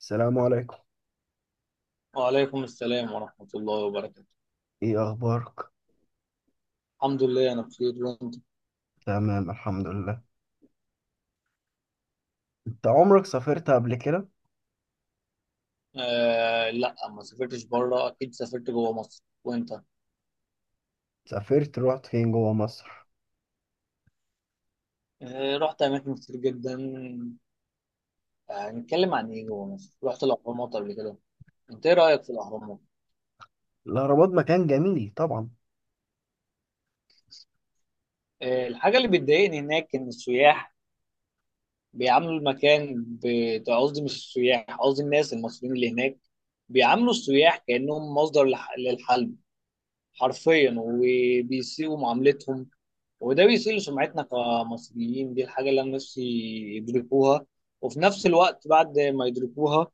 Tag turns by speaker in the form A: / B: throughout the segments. A: السلام عليكم.
B: وعليكم السلام ورحمة الله وبركاته.
A: ايه اخبارك؟
B: الحمد لله، أنا بخير، وأنت؟
A: تمام، الحمد لله. انت عمرك سافرت قبل كده؟
B: آه لا ما سافرتش بره، أكيد سافرت جوه مصر، وأنت؟
A: رحت فين جوه مصر؟
B: آه رحت أماكن كتير جدا. هنتكلم عن إيه؟ جوه مصر رحت الأهرامات قبل كده؟ أنت إيه رأيك في الأهرامات؟
A: الاهرامات مكان جميل طبعا.
B: آه الحاجة اللي بتضايقني هناك إن السياح بيعاملوا المكان قصدي مش السياح، قصدي الناس المصريين اللي هناك بيعاملوا السياح كأنهم مصدر للحلم حرفيا، وبيسيئوا معاملتهم. وده بيسيء سمعتنا كمصريين، دي الحاجة اللي أنا نفسي يدركوها، وفي نفس الوقت بعد ما يدركوها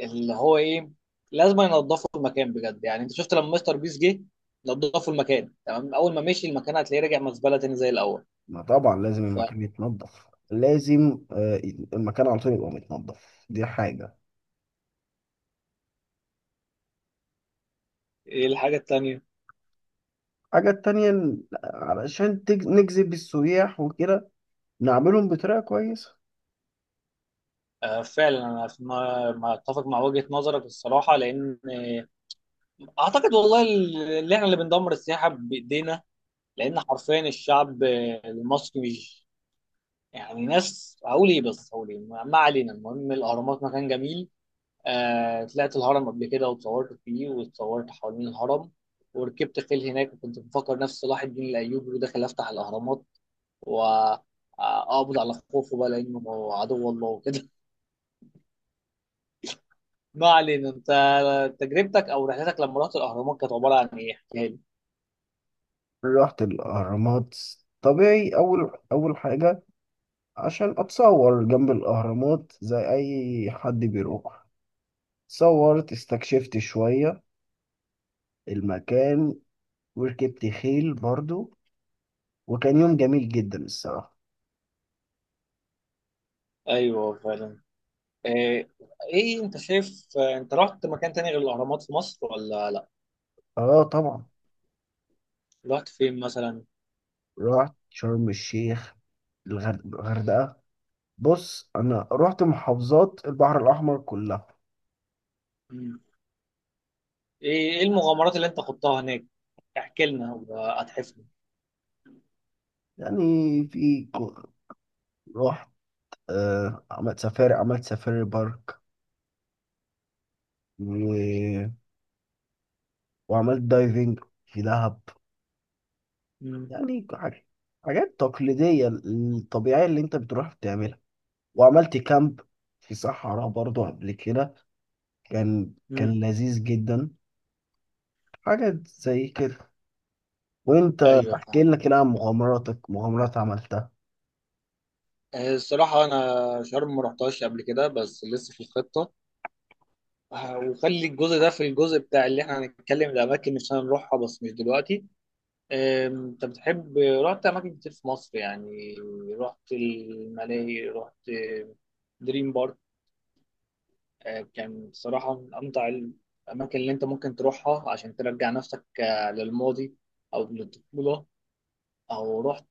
B: اللي هو إيه؟ لازم ينظفوا المكان بجد. يعني أنت شفت لما مستر بيس جه نظفوا المكان تمام، أول ما مشي المكان هتلاقيه راجع مزبلة تاني زي الأول.
A: ما طبعا لازم
B: فإيه
A: المكان يتنضف، لازم. المكان على طول يبقى متنضف. دي حاجه.
B: الحاجة التانية؟
A: الحاجه التانية علشان نجذب السياح وكده، نعملهم بطريقه كويسه.
B: آه فعلا، أنا ما ما أتفق مع وجهة نظرك الصراحة، لأن أعتقد والله اللي إحنا اللي بندمر السياحة بإيدينا، لأن حرفيا الشعب المصري يعني ناس. هقول ايه بس هقول ايه، ما ما علينا. المهم، الاهرامات مكان جميل. آه طلعت الهرم قبل كده، واتصورت فيه، واتصورت حوالين الهرم، وركبت خيل هناك، وكنت بفكر نفس صلاح الدين الايوبي وداخل افتح الاهرامات، واقبض على خوفه بقى لانه عدو الله وكده ما علينا. انت تجربتك او رحلتك لما رحت الاهرامات كانت عباره عن ايه؟ احكيها لي.
A: رحت الاهرامات. طبيعي، اول حاجه عشان اتصور جنب الاهرامات زي اي حد بيروح. صورت، استكشفت شوية المكان، وركبت خيل برضو. وكان يوم جميل جدا الصراحة.
B: ايوه فعلا. آه، ايه انت شايف، انت رحت مكان تاني غير الاهرامات في مصر ولا لا؟
A: اه، طبعا.
B: رحت فين مثلا؟
A: رحت شرم الشيخ، الغردقة. بص، انا رحت محافظات البحر الاحمر كلها.
B: ايه إيه المغامرات اللي انت خضتها هناك؟ احكي لنا وهتحفنا.
A: يعني في ك- رحت عملت سفاري بارك، و... وعملت دايفنج في دهب.
B: مم.
A: يعني حاجات تقليدية، الطبيعية اللي انت بتروح بتعملها. وعملت كامب في صحراء برضو قبل كده. كان
B: مم.
A: كان لذيذ جدا. حاجة زي كده. وانت
B: ايوه
A: احكي
B: فاهم.
A: لنا كده عن مغامراتك، مغامرات عملتها.
B: الصراحه انا شرم ما رحتهاش قبل كده، بس لسه في الخطه. وخلي الجزء ده في الجزء بتاع اللي احنا هنتكلم الاماكن اللي عشان نروحها، بس مش دلوقتي. انت بتحب رحت اماكن كتير في مصر يعني. رحت الملاهي، رحت دريم بارك. كان بصراحه من امتع الاماكن اللي انت ممكن تروحها عشان ترجع نفسك للماضي او للطفوله، او رحت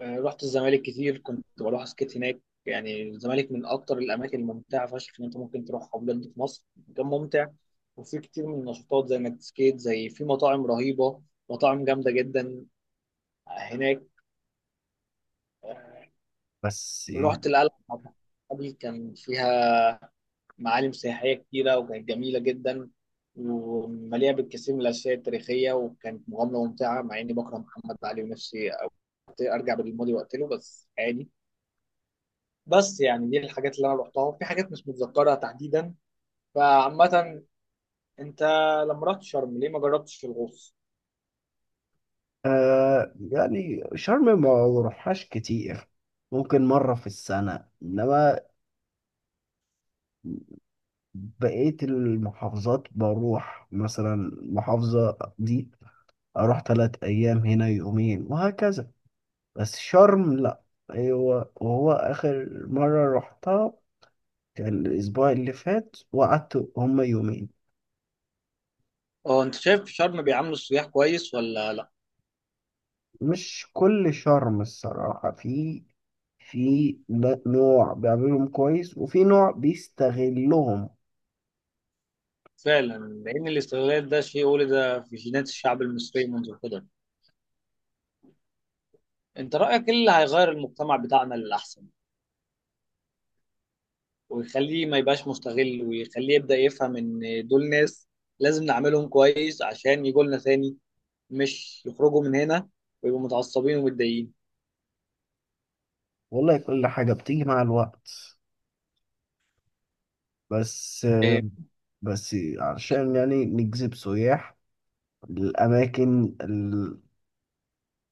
B: آه، رحت الزمالك كتير، كنت بروح اسكت هناك. يعني الزمالك من اكتر الاماكن الممتعه فشخ ان انت ممكن تروحها، بجد في مصر مكان ممتع، وفي كتير من النشاطات زي انك تسكيت، زي في مطاعم رهيبه، مطاعم جامده جدا هناك.
A: بس.
B: رحت القلعه قبل، كان فيها معالم سياحيه كتيره، وكانت جميله جدا ومليئه بالكثير من الاشياء التاريخيه، وكانت مغامره ممتعه، مع اني بكره محمد علي، ونفسي أرجع بالماضي وقتله بس عادي. بس يعني دي الحاجات اللي انا رحتها، في حاجات مش متذكرها تحديدا. فعامة، انت لما رحت شرم ليه ما جربتش الغوص؟
A: يعني شرم ما بروحهاش كتير، ممكن مرة في السنة. إنما بقية المحافظات بروح، مثلا المحافظة دي أروح 3 أيام، هنا يومين، وهكذا. بس شرم لأ. أيوة. وهو آخر مرة رحتها الأسبوع اللي فات وقعدت هما يومين.
B: اه انت شايف في شرم بيعاملوا السياح كويس ولا لا؟
A: مش كل شرم الصراحة. في نوع بيعملهم كويس وفي نوع بيستغلهم.
B: فعلا. لان الاستغلال ده شيء ولد في جينات الشعب المصري منذ القدم. انت رايك ايه اللي هيغير المجتمع بتاعنا للاحسن، ويخليه ما يبقاش مستغل، ويخليه يبدا يفهم ان دول ناس لازم نعملهم كويس عشان يجوا لنا تاني، مش يخرجوا من هنا ويبقوا متعصبين ومتضايقين.
A: والله كل حاجة بتيجي مع الوقت، بس
B: إيه؟
A: بس عشان يعني نجذب سياح للأماكن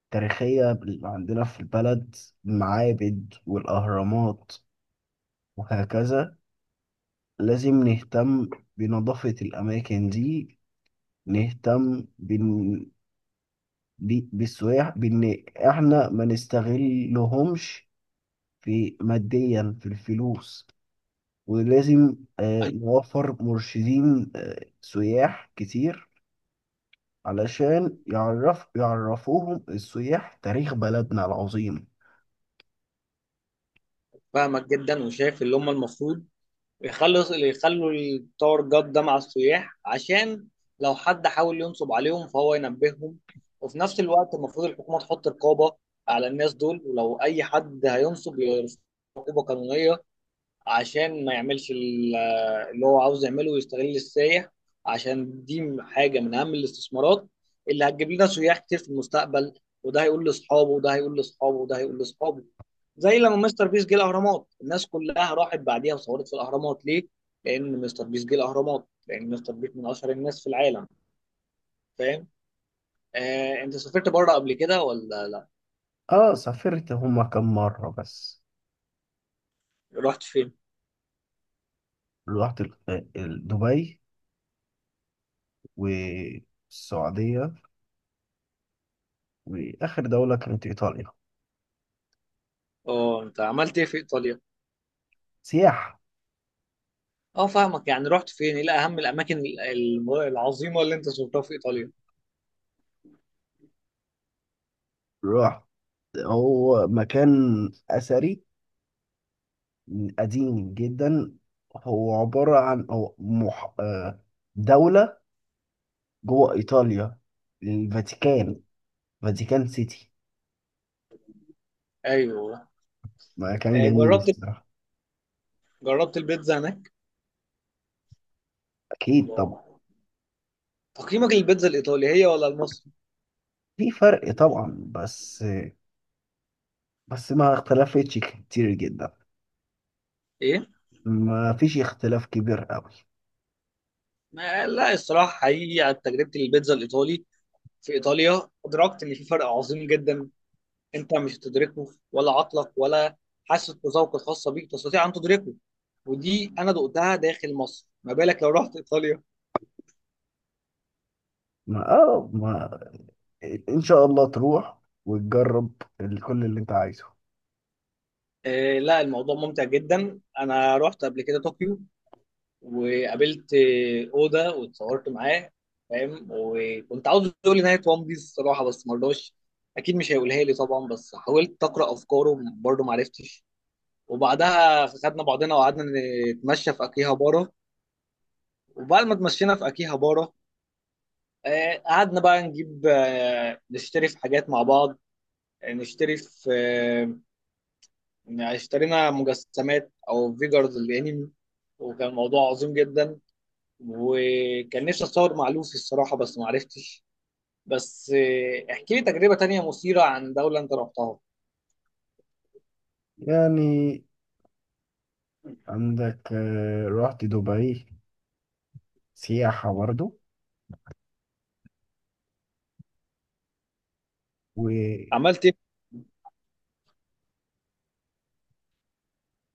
A: التاريخية اللي عندنا في البلد، المعابد والأهرامات وهكذا، لازم نهتم بنظافة الأماكن دي. نهتم بالسياح، بإن إحنا ما نستغلهمش في ماديا في الفلوس. ولازم نوفر مرشدين، سياح كتير، علشان يعرفوهم السياح تاريخ بلدنا العظيم.
B: فاهمك جدا، وشايف اللي هم المفروض يخلص اللي يخلوا التور جاد ده مع السياح، عشان لو حد حاول ينصب عليهم فهو ينبههم. وفي نفس الوقت المفروض الحكومة تحط رقابة على الناس دول، ولو أي حد هينصب يرفع عقوبة قانونية، عشان ما يعملش اللي هو عاوز يعمله ويستغل السياح. عشان دي حاجة من أهم الاستثمارات اللي هتجيب لنا سياح كتير في المستقبل. وده هيقول لأصحابه، وده هيقول لأصحابه، وده هيقول لأصحابه. زي لما مستر بيس جه الأهرامات الناس كلها راحت بعديها وصورت في الأهرامات، ليه؟ لأن مستر بيس جه الأهرامات، لأن مستر بيس من أشهر الناس في العالم. فاهم؟ أنت سافرت بره قبل كده ولا لأ؟
A: سافرت هما كم مرة بس.
B: رحت فين؟
A: رحت دبي والسعودية، وآخر دولة كانت إيطاليا.
B: أه أنت عملت إيه في إيطاليا؟
A: سياحة.
B: اه فاهمك. يعني رحت فين؟ ايه اهم الاماكن العظيمه اللي انت زرتها في ايطاليا؟
A: رحت هو مكان أثري قديم جدا. هو عبارة عن أو مح... آه، دولة جوه إيطاليا، الفاتيكان فاتيكان سيتي.
B: ايوه.
A: مكان جميل
B: جربت
A: الصراحة.
B: جربت البيتزا هناك؟
A: أكيد طبعا.
B: تقييمك للبيتزا الايطالي هي ولا المصري؟
A: في فرق طبعا، بس ما اختلفتش كتير جدا.
B: ايه؟
A: ما فيش اختلاف كبير قوي.
B: ما لا، الصراحه حقيقي على تجربه البيتزا الايطالي في ايطاليا ادركت ان في فرق عظيم جدا. انت مش هتدركه، ولا عقلك ولا حاسه بذوق الخاصه بيك تستطيع ان تدركه، ودي انا دقتها داخل مصر، ما بالك لو رحت ايطاليا.
A: ما آه ما إن شاء الله تروح وتجرب كل اللي أنت عايزه.
B: آه لا، الموضوع ممتع جدا. انا رحت قبل كده طوكيو، وقابلت اودا واتصورت معاه فاهم، وكنت عاوز اقول لي نهايه وان بيس الصراحه، بس ما رضاش، اكيد مش هيقولها لي طبعا. بس حاولت اقرا افكاره برضه، ما عرفتش. وبعدها خدنا بعضنا وقعدنا نتمشى في اكيهابارا. وبعد ما اتمشينا في اكيهابارا قعدنا بقى نجيب آه، نشتري في حاجات مع بعض، آه، نشتري في آه، اشترينا مجسمات او فيجرز الانمي. وكان الموضوع عظيم جدا، وكان نفسي اتصور مع لوفي الصراحه، بس ما عرفتش. بس احكي لي تجربه تانية مثيره عن دوله انت رحتها.
A: يعني عندك، رحت دبي سياحة برضه. و
B: عملت ايه في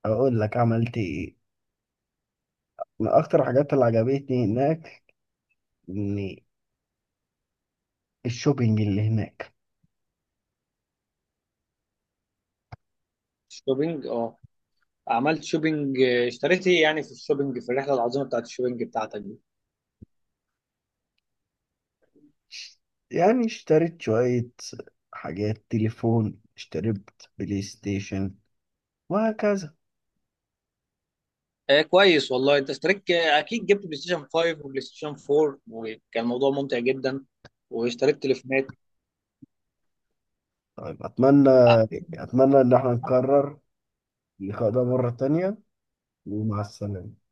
A: اقول لك عملت ايه. من اكتر الحاجات اللي عجبتني هناك ان الشوبينج اللي هناك.
B: الشوبينج اه؟ عملت شوبينج. اشتريت ايه يعني في الشوبينج، في الرحله العظيمه بتاعت الشوبينج بتاعتك دي؟
A: يعني اشتريت شوية حاجات، تليفون، اشتريت بلاي ستيشن، وهكذا.
B: آه كويس والله. انت اشتريت اكيد جبت بلاي ستيشن 5 وبلاي ستيشن 4، وكان الموضوع ممتع جدا، واشتريت تليفونات
A: طيب، اتمنى ان احنا نكرر اللقاء ده مرة تانية. ومع السلامة.